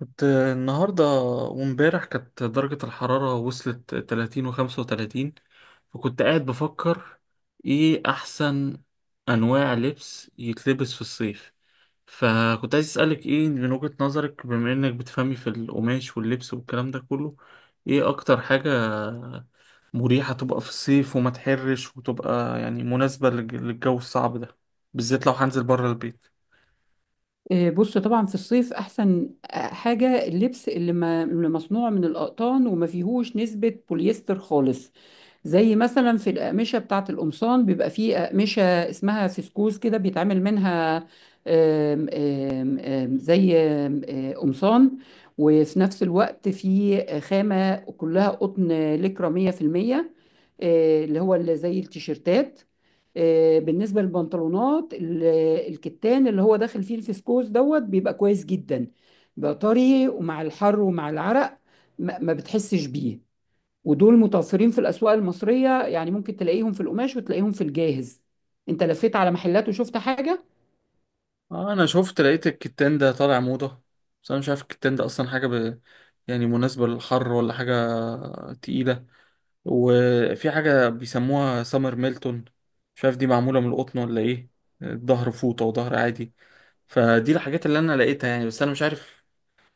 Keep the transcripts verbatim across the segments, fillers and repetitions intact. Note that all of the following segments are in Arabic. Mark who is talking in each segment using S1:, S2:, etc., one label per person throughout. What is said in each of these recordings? S1: كنت النهاردة وامبارح كانت درجة الحرارة وصلت تلاتين وخمسة وتلاتين. فكنت قاعد بفكر، ايه أحسن أنواع لبس يتلبس في الصيف؟ فكنت عايز أسألك ايه من وجهة نظرك، بما إنك بتفهمي في القماش واللبس والكلام ده كله، ايه أكتر حاجة مريحة تبقى في الصيف وما تحرش وتبقى يعني مناسبة للج- للجو الصعب ده، بالذات لو هنزل بره البيت؟
S2: إيه، بص، طبعا في الصيف احسن آه، حاجه اللبس اللي, ما اللي مصنوع من الاقطان وما فيهوش نسبه بوليستر خالص. زي مثلا في الاقمشه بتاعه القمصان بيبقى فيه اقمشه اسمها فسكوز كده بيتعمل منها. آم، آم، آم، زي آم، آه، قمصان، وفي نفس الوقت فيه خامه كلها قطن لكرة مية في المية. آه، اللي هو اللي زي التيشيرتات. آه، بالنسبة للبنطلونات ال- الكتان اللي هو داخل فيه الفسكوز دوت بيبقى كويس جدا، بيبقى طري، ومع الحر ومع العرق ما ما بتحسش بيه. ودول متوفرين في الأسواق المصرية، يعني ممكن تلاقيهم في القماش وتلاقيهم في الجاهز. انت لفيت على محلات وشفت حاجة؟
S1: آه، انا شفت لقيت الكتان ده طالع موضة، بس انا مش عارف الكتان ده اصلا حاجة ب... يعني مناسبة للحر ولا حاجة تقيلة. وفي حاجة بيسموها سمر ميلتون، مش عارف دي معمولة من القطن ولا ايه. الظهر فوطة وظهر عادي. فدي الحاجات اللي انا لقيتها يعني، بس انا مش عارف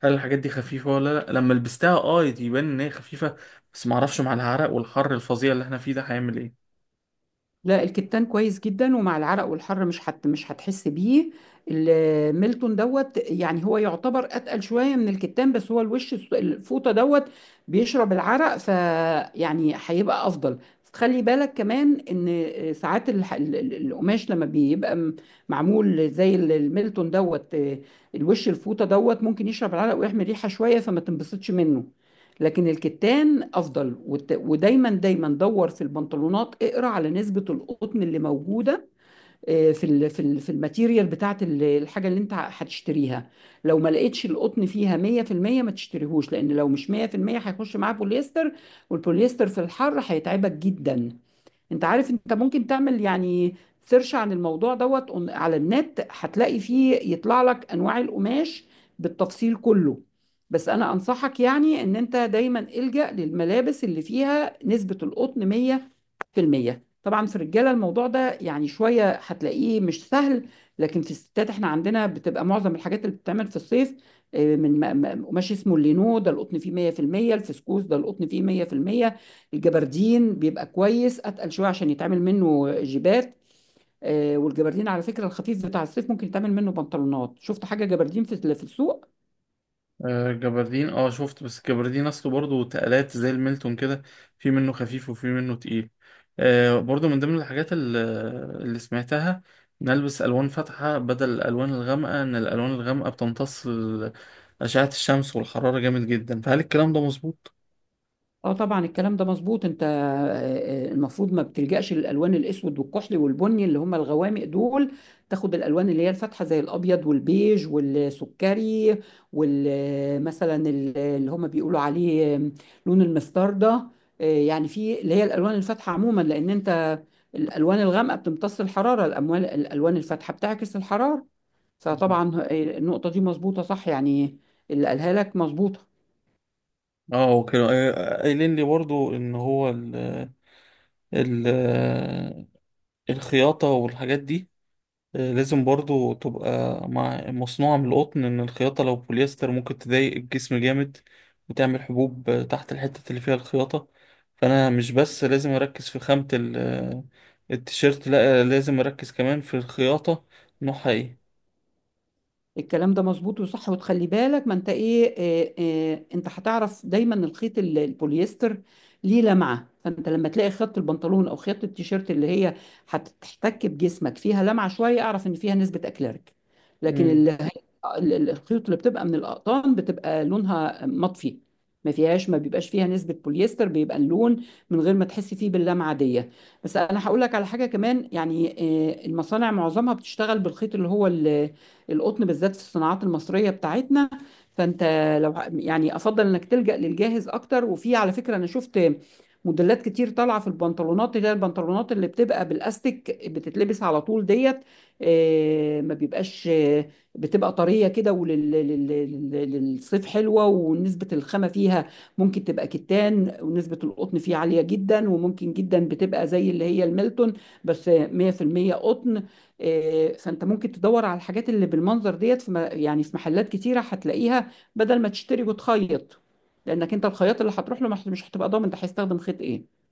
S1: هل الحاجات دي خفيفة ولا لا؟ لما لبستها اه يبان ان هي خفيفة، بس معرفش مع العرق والحر الفظيع اللي احنا فيه ده هيعمل ايه.
S2: لا، الكتان كويس جدا، ومع العرق والحر مش حت مش هتحس بيه. الميلتون دوت يعني هو يعتبر اتقل شويه من الكتان، بس هو الوش الس- الفوطه دوت بيشرب العرق، فيعني هيبقى افضل. خلي بالك كمان ان آه، ساعات الح- ال- ال- القماش لما بيبقى م- معمول زي ال- الميلتون دوت، آه، الوش الفوطه دوت ممكن يشرب العرق ويحمل ريحه شويه، فما تنبسطش منه. لكن الكتان افضل، وت- ودايما دايما دور في البنطلونات، اقرا على نسبه القطن اللي موجوده آه، في ال في ال في الماتيريال بتاعت ال- الحاجه اللي انت هتشتريها. لو ما لقيتش القطن فيها مية في المية ما تشتريهوش، لان لو مش مية في المية هيخش معاه بوليستر، والبوليستر في الحر هيتعبك جدا. انت عارف انت ممكن تعمل يعني سيرش عن الموضوع دوت on- على النت، هتلاقي فيه يطلع لك انواع القماش بالتفصيل كله. بس انا انصحك يعني ان انت دايما الجأ للملابس اللي فيها نسبة القطن مية في المية. طبعا في الرجالة الموضوع ده يعني شوية هتلاقيه مش سهل، لكن في الستات احنا عندنا بتبقى معظم الحاجات اللي بتتعمل في الصيف آه، من م- م- قماش اسمه اللينو، ده القطن فيه مية في المية. الفسكوس ده القطن فيه مية في المية. الجبردين بيبقى كويس، اتقل شوية عشان يتعمل منه جيبات. آه، والجبردين على فكرة الخفيف بتاع الصيف ممكن يتعمل منه بنطلونات. شفت حاجة جبردين في في السوق؟
S1: آه، جبردين اه شفت، بس جبردين اصله برضه تقلات زي الميلتون كده. في منه خفيف وفي منه تقيل. آه، برضه من ضمن الحاجات ال- اللي سمعتها. نلبس الوان فاتحه بدل الالوان الغامقه، ان الالوان الغامقه بتمتص ال- اشعه الشمس والحراره جامد جدا، فهل الكلام ده مظبوط؟
S2: اه طبعا الكلام ده مظبوط. انت آه، آه، المفروض ما بتلجأش للالوان الاسود والكحلي والبني اللي هم الغوامق دول، تاخد الالوان اللي هي الفاتحه زي الابيض والبيج والسكري، والمثلا اللي هم بيقولوا عليه آم، لون المستردة. آه، يعني في اللي هي الالوان الفاتحه عموما، لان انت الالوان الغامقه بتمتص الحراره، الاموال الالوان الفاتحه بتعكس الحراره.
S1: مم.
S2: فطبعا آه، النقطه دي مظبوطه صح، يعني اللي قالها لك مظبوطه.
S1: اه، وكانوا قاي- قايلين لي برضه ان هو ال ال الخياطه والحاجات دي لازم برضو تبقى مع مصنوعة من القطن. إن الخياطة لو بوليستر ممكن تضايق الجسم جامد وتعمل حبوب تحت الحتة اللي فيها الخياطة. فأنا مش بس لازم أركز في خامة ال- آه، التيشيرت، لأ لازم أركز كمان في الخياطة نوعها إيه.
S2: الكلام ده مظبوط وصح، وتخلي بالك، ما انت ايه. اه اه انت هتعرف دايما الخيط ال- البوليستر ليه لمعه، فانت لما تلاقي خيط البنطلون او خيط التيشيرت اللي هي هتحتك بجسمك فيها لمعه شويه، اعرف ان فيها نسبه اكليريك. لكن
S1: مم.
S2: ال- ال- الخيوط اللي بتبقى من الاقطان بتبقى لونها مطفي، ما فيهاش ما بيبقاش فيها نسبة بوليستر، بيبقى اللون من غير ما تحسي فيه باللمعة دي. بس انا هقول لك على حاجة كمان يعني، آه، المصانع معظمها بتشتغل بالخيط اللي هو ال- القطن، بالذات في الصناعات المصرية بتاعتنا. فانت لو ه- يعني افضل انك تلجأ للجاهز اكتر. وفي على فكرة انا شفت موديلات كتير طالعة في البنطلونات، اللي هي البنطلونات اللي بتبقى بالاستيك بتتلبس على طول ديت. آه، ما بيبقاش، بتبقى طريه كده، وللصيف حلوه، ونسبه الخامه فيها ممكن تبقى كتان، ونسبه القطن فيها عاليه جدا، وممكن جدا بتبقى زي اللي هي الميلتون بس مية في المية قطن. آه، فانت ممكن تدور على الحاجات اللي بالمنظر ديت في م- يعني في محلات كتيره هتلاقيها، بدل ما تشتري وتخيط، لانك انت الخياط اللي هتروح له مش مش هتبقى ضامن ده هيستخدم خيط ايه.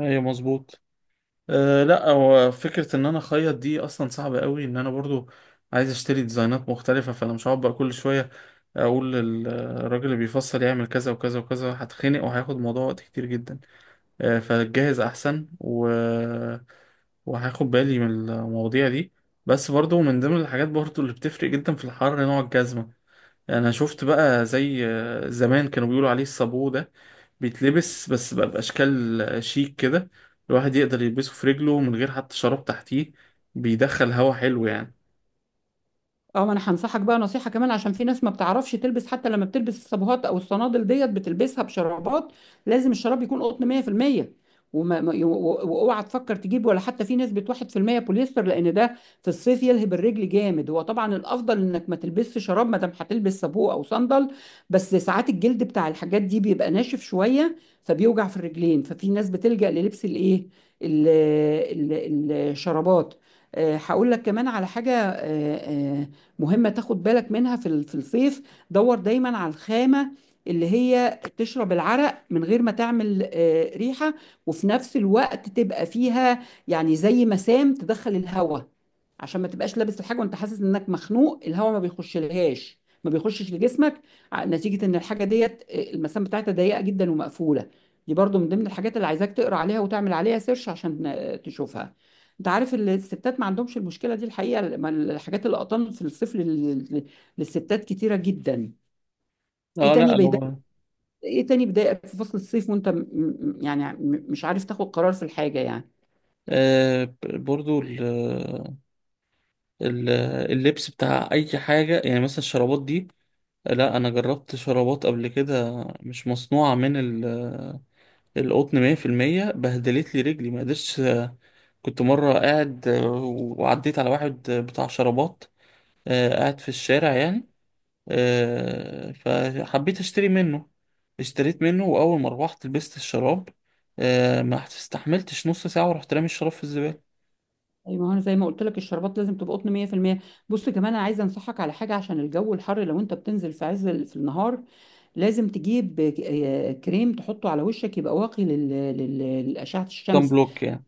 S1: أيوة، مظبوط. أه لأ، هو فكرة إن أنا أخيط دي أصلا صعبة قوي، إن أنا برضو عايز أشتري ديزاينات مختلفة. فأنا مش هقعد بقى كل شوية اقول للراجل اللي بيفصل يعمل كذا وكذا وكذا، هتخنق وهياخد الموضوع وقت كتير جدا. آه، فجهز احسن و... وهاخد بالي من المواضيع دي. بس برضو من ضمن الحاجات برضو اللي بتفرق جدا في الحر نوع الجزمة. انا شفت بقى زي آه، زمان كانوا بيقولوا عليه الصابو ده، بيتلبس بس بقى باشكال آه، شيك كده. الواحد يقدر يلبسه في رجله من غير حتى شراب تحتيه، بيدخل هوا حلو يعني.
S2: اه، ما انا هنصحك بقى نصيحة كمان، عشان في ناس ما بتعرفش تلبس، حتى لما بتلبس الصابوهات او الصنادل ديت بتلبسها بشرابات. لازم الشراب يكون قطن مية في المية، وما ما- و- و- واوعى تفكر تجيب ولا حتى في ناس بت واحد في المية بوليستر، لان ده في الصيف يلهب الرجل جامد. هو طبعا الافضل انك ما تلبسش شراب ما دام هتلبس صابوه او صندل، بس ساعات الجلد بتاع الحاجات دي بيبقى ناشف شوية فبيوجع في الرجلين، ففي ناس بتلجأ للبس الايه، ال- ال- الشرابات. آه، هقول لك كمان على حاجة آه، آه، مهمة تاخد بالك منها في ال- في الصيف. دور دايما على الخامة اللي هي تشرب العرق من غير ما تعمل آه، ريحة، وفي نفس الوقت تبقى فيها يعني زي مسام تدخل الهواء، عشان ما تبقاش لابس الحاجة وانت حاسس انك مخنوق، الهواء ما بيخش لهاش، ما بيخشش لجسمك ع- نتيجة ان الحاجة ديت آه، المسام بتاعتها ضيقة جدا ومقفولة. دي برضو من ضمن الحاجات اللي عايزاك تقرا عليها وتعمل عليها سيرش عشان آه، تشوفها. انت عارف ال- الستات ما عندهمش المشكله دي الحقيقه، لما الحاجات القطن في الصيف لل- للستات كتيره جدا. ايه
S1: اه لا،
S2: تاني بيضايق
S1: هو
S2: ايه تاني بيضايقك في فصل الصيف وانت م- م- يعني م- مش عارف تاخد قرار في الحاجه يعني؟
S1: آه، ب- برضو ال- اللبس بتاع اي حاجه يعني، مثلا الشرابات دي. لا، انا جربت شرابات قبل كده مش مصنوعه من ال- القطن مية في المية، بهدلت لي رجلي ما قدرتش. كنت مره قاعد وعديت على واحد بتاع شرابات، آه، قاعد في الشارع يعني، آه، فحبيت اشتري منه. اشتريت منه واول ما روحت لبست الشراب، آه، ما استحملتش نص ساعه ورحت رامي الشراب في الزباله.
S2: أي، ما هو انا زي ما قلت لك الشربات لازم تبقى قطن مية في المية. بص كمان انا عايزه انصحك على حاجه عشان الجو الحر، لو انت بتنزل في عز ال- في النهار لازم تجيب ك- آه، كريم تحطه على وشك يبقى واقي لل- لل- لأشعة
S1: كان
S2: الشمس.
S1: بلوك يعني.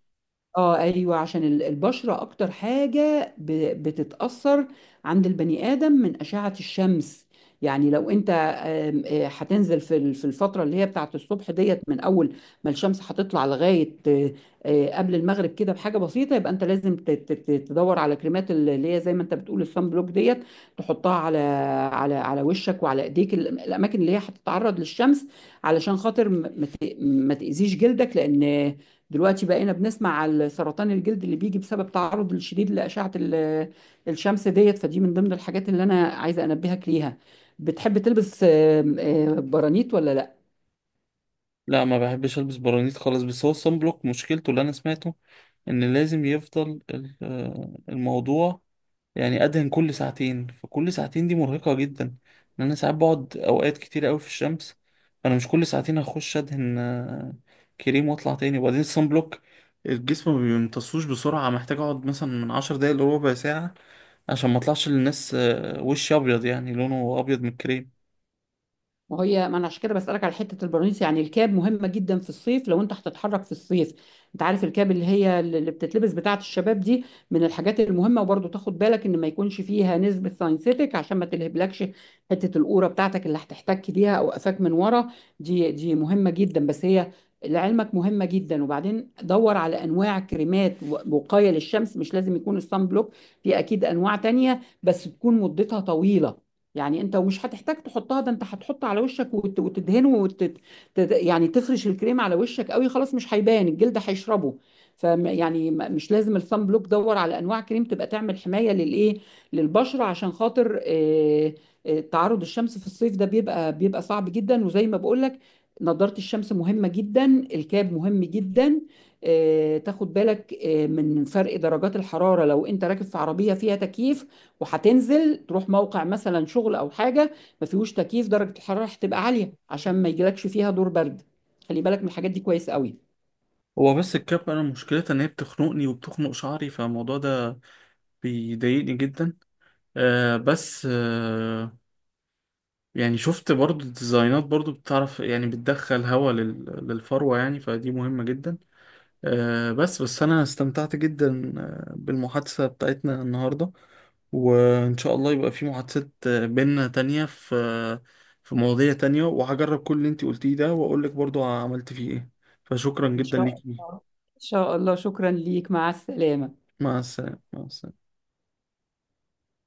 S2: اه ايوه، عشان ال- البشره اكتر حاجه ب- بتتاثر عند البني ادم من اشعه الشمس. يعني لو انت آم، آه، هتنزل في ال- في الفتره اللي هي بتاعت الصبح ديت، من اول ما الشمس هتطلع لغايه آه، آه، قبل المغرب كده بحاجه بسيطه، يبقى انت لازم ت- ت- ت- تدور على كريمات ال- اللي هي زي ما انت بتقول الصن بلوك ديت، تحطها على على على وشك وعلى ايديك ال- الاماكن اللي هي هتتعرض للشمس، علشان خاطر ما ما ت- ما تاذيش جلدك، لان دلوقتي بقينا بنسمع على سرطان الجلد اللي بيجي بسبب تعرض الشديد لأشعة ال- الشمس ديت. فدي من ضمن الحاجات اللي أنا عايزة أنبهك ليها. بتحب تلبس آم، آم، برانيت ولا لا؟
S1: لا ما بحبش البس برانيت خالص، بس هو الصن بلوك مشكلته اللي انا سمعته ان لازم يفضل ال- آه، الموضوع، يعني ادهن كل ساعتين. فكل ساعتين دي مرهقة جدا، لان انا ساعات بقعد اوقات كتير قوي في الشمس. انا مش كل ساعتين هخش ادهن آه، كريم واطلع تاني. وبعدين الصن بلوك الجسم ما بيمتصوش بسرعة، محتاج اقعد مثلا من عشر دقايق لربع ساعة عشان ما اطلعش للناس آه، وشي ابيض يعني لونه ابيض من الكريم.
S2: ما هي ما انا عشان كده بسألك على حتة البرانيس، يعني الكاب مهمة جدا في الصيف لو انت هتتحرك في الصيف. انت عارف الكاب اللي هي اللي بتتلبس بتاعة الشباب دي، من الحاجات المهمة، وبرضه تاخد بالك ان ما يكونش فيها نسبة ساينسيتك عشان ما تلهبلكش حتة القورة بتاعتك اللي هتحتك بيها او قفاك من ورا. دي دي مهمة جدا، بس هي لعلمك مهمة جدا. وبعدين دور على انواع كريمات و- وقاية للشمس، مش لازم يكون الصن بلوك، في اكيد انواع تانية بس تكون مدتها طويلة. يعني انت ومش هتحتاج تحطها ده، انت هتحط على وشك وت- وتدهنه وت... تد- يعني تفرش الكريم على وشك قوي خلاص مش هيبان، الجلد هيشربه. ف يعني م- مش لازم الصن بلوك، دور على انواع كريم تبقى تعمل حمايه للايه للبشره، عشان خاطر آه، آه، تعرض الشمس في الصيف ده بيبقى بيبقى صعب جدا. وزي ما بقول لك نضاره الشمس مهمه جدا، الكاب مهم جدا. آه، تاخد بالك آه، من فرق درجات الحراره، لو انت راكب في عربيه فيها تكييف وهتنزل تروح موقع مثلا شغل او حاجه ما فيهوش تكييف، درجه الحراره هتبقى عاليه، عشان ما يجيلكش فيها دور برد. خلي بالك من الحاجات دي كويس قوي.
S1: هو بس الكاب انا مشكلتها ان هي بتخنقني وبتخنق شعري، فالموضوع ده بيضايقني جدا. آه، بس آه يعني شفت برضو ديزاينات برضو بتعرف يعني بتدخل هوا لل- للفروة يعني، فدي مهمة جدا. آه، بس بس أنا استمتعت جدا آه، بالمحادثة بتاعتنا النهاردة. وإن شاء الله يبقى في محادثات آه، بينا تانية في آه، في مواضيع تانية، وهجرب كل اللي انتي قلتيه ده وأقولك برضو عملت فيه ايه. فشكرا
S2: إن
S1: جدا
S2: شاء
S1: ليكي.
S2: الله. إن شاء الله، شكرا ليك، مع السلامة.
S1: مع السلامة، مع السلامة.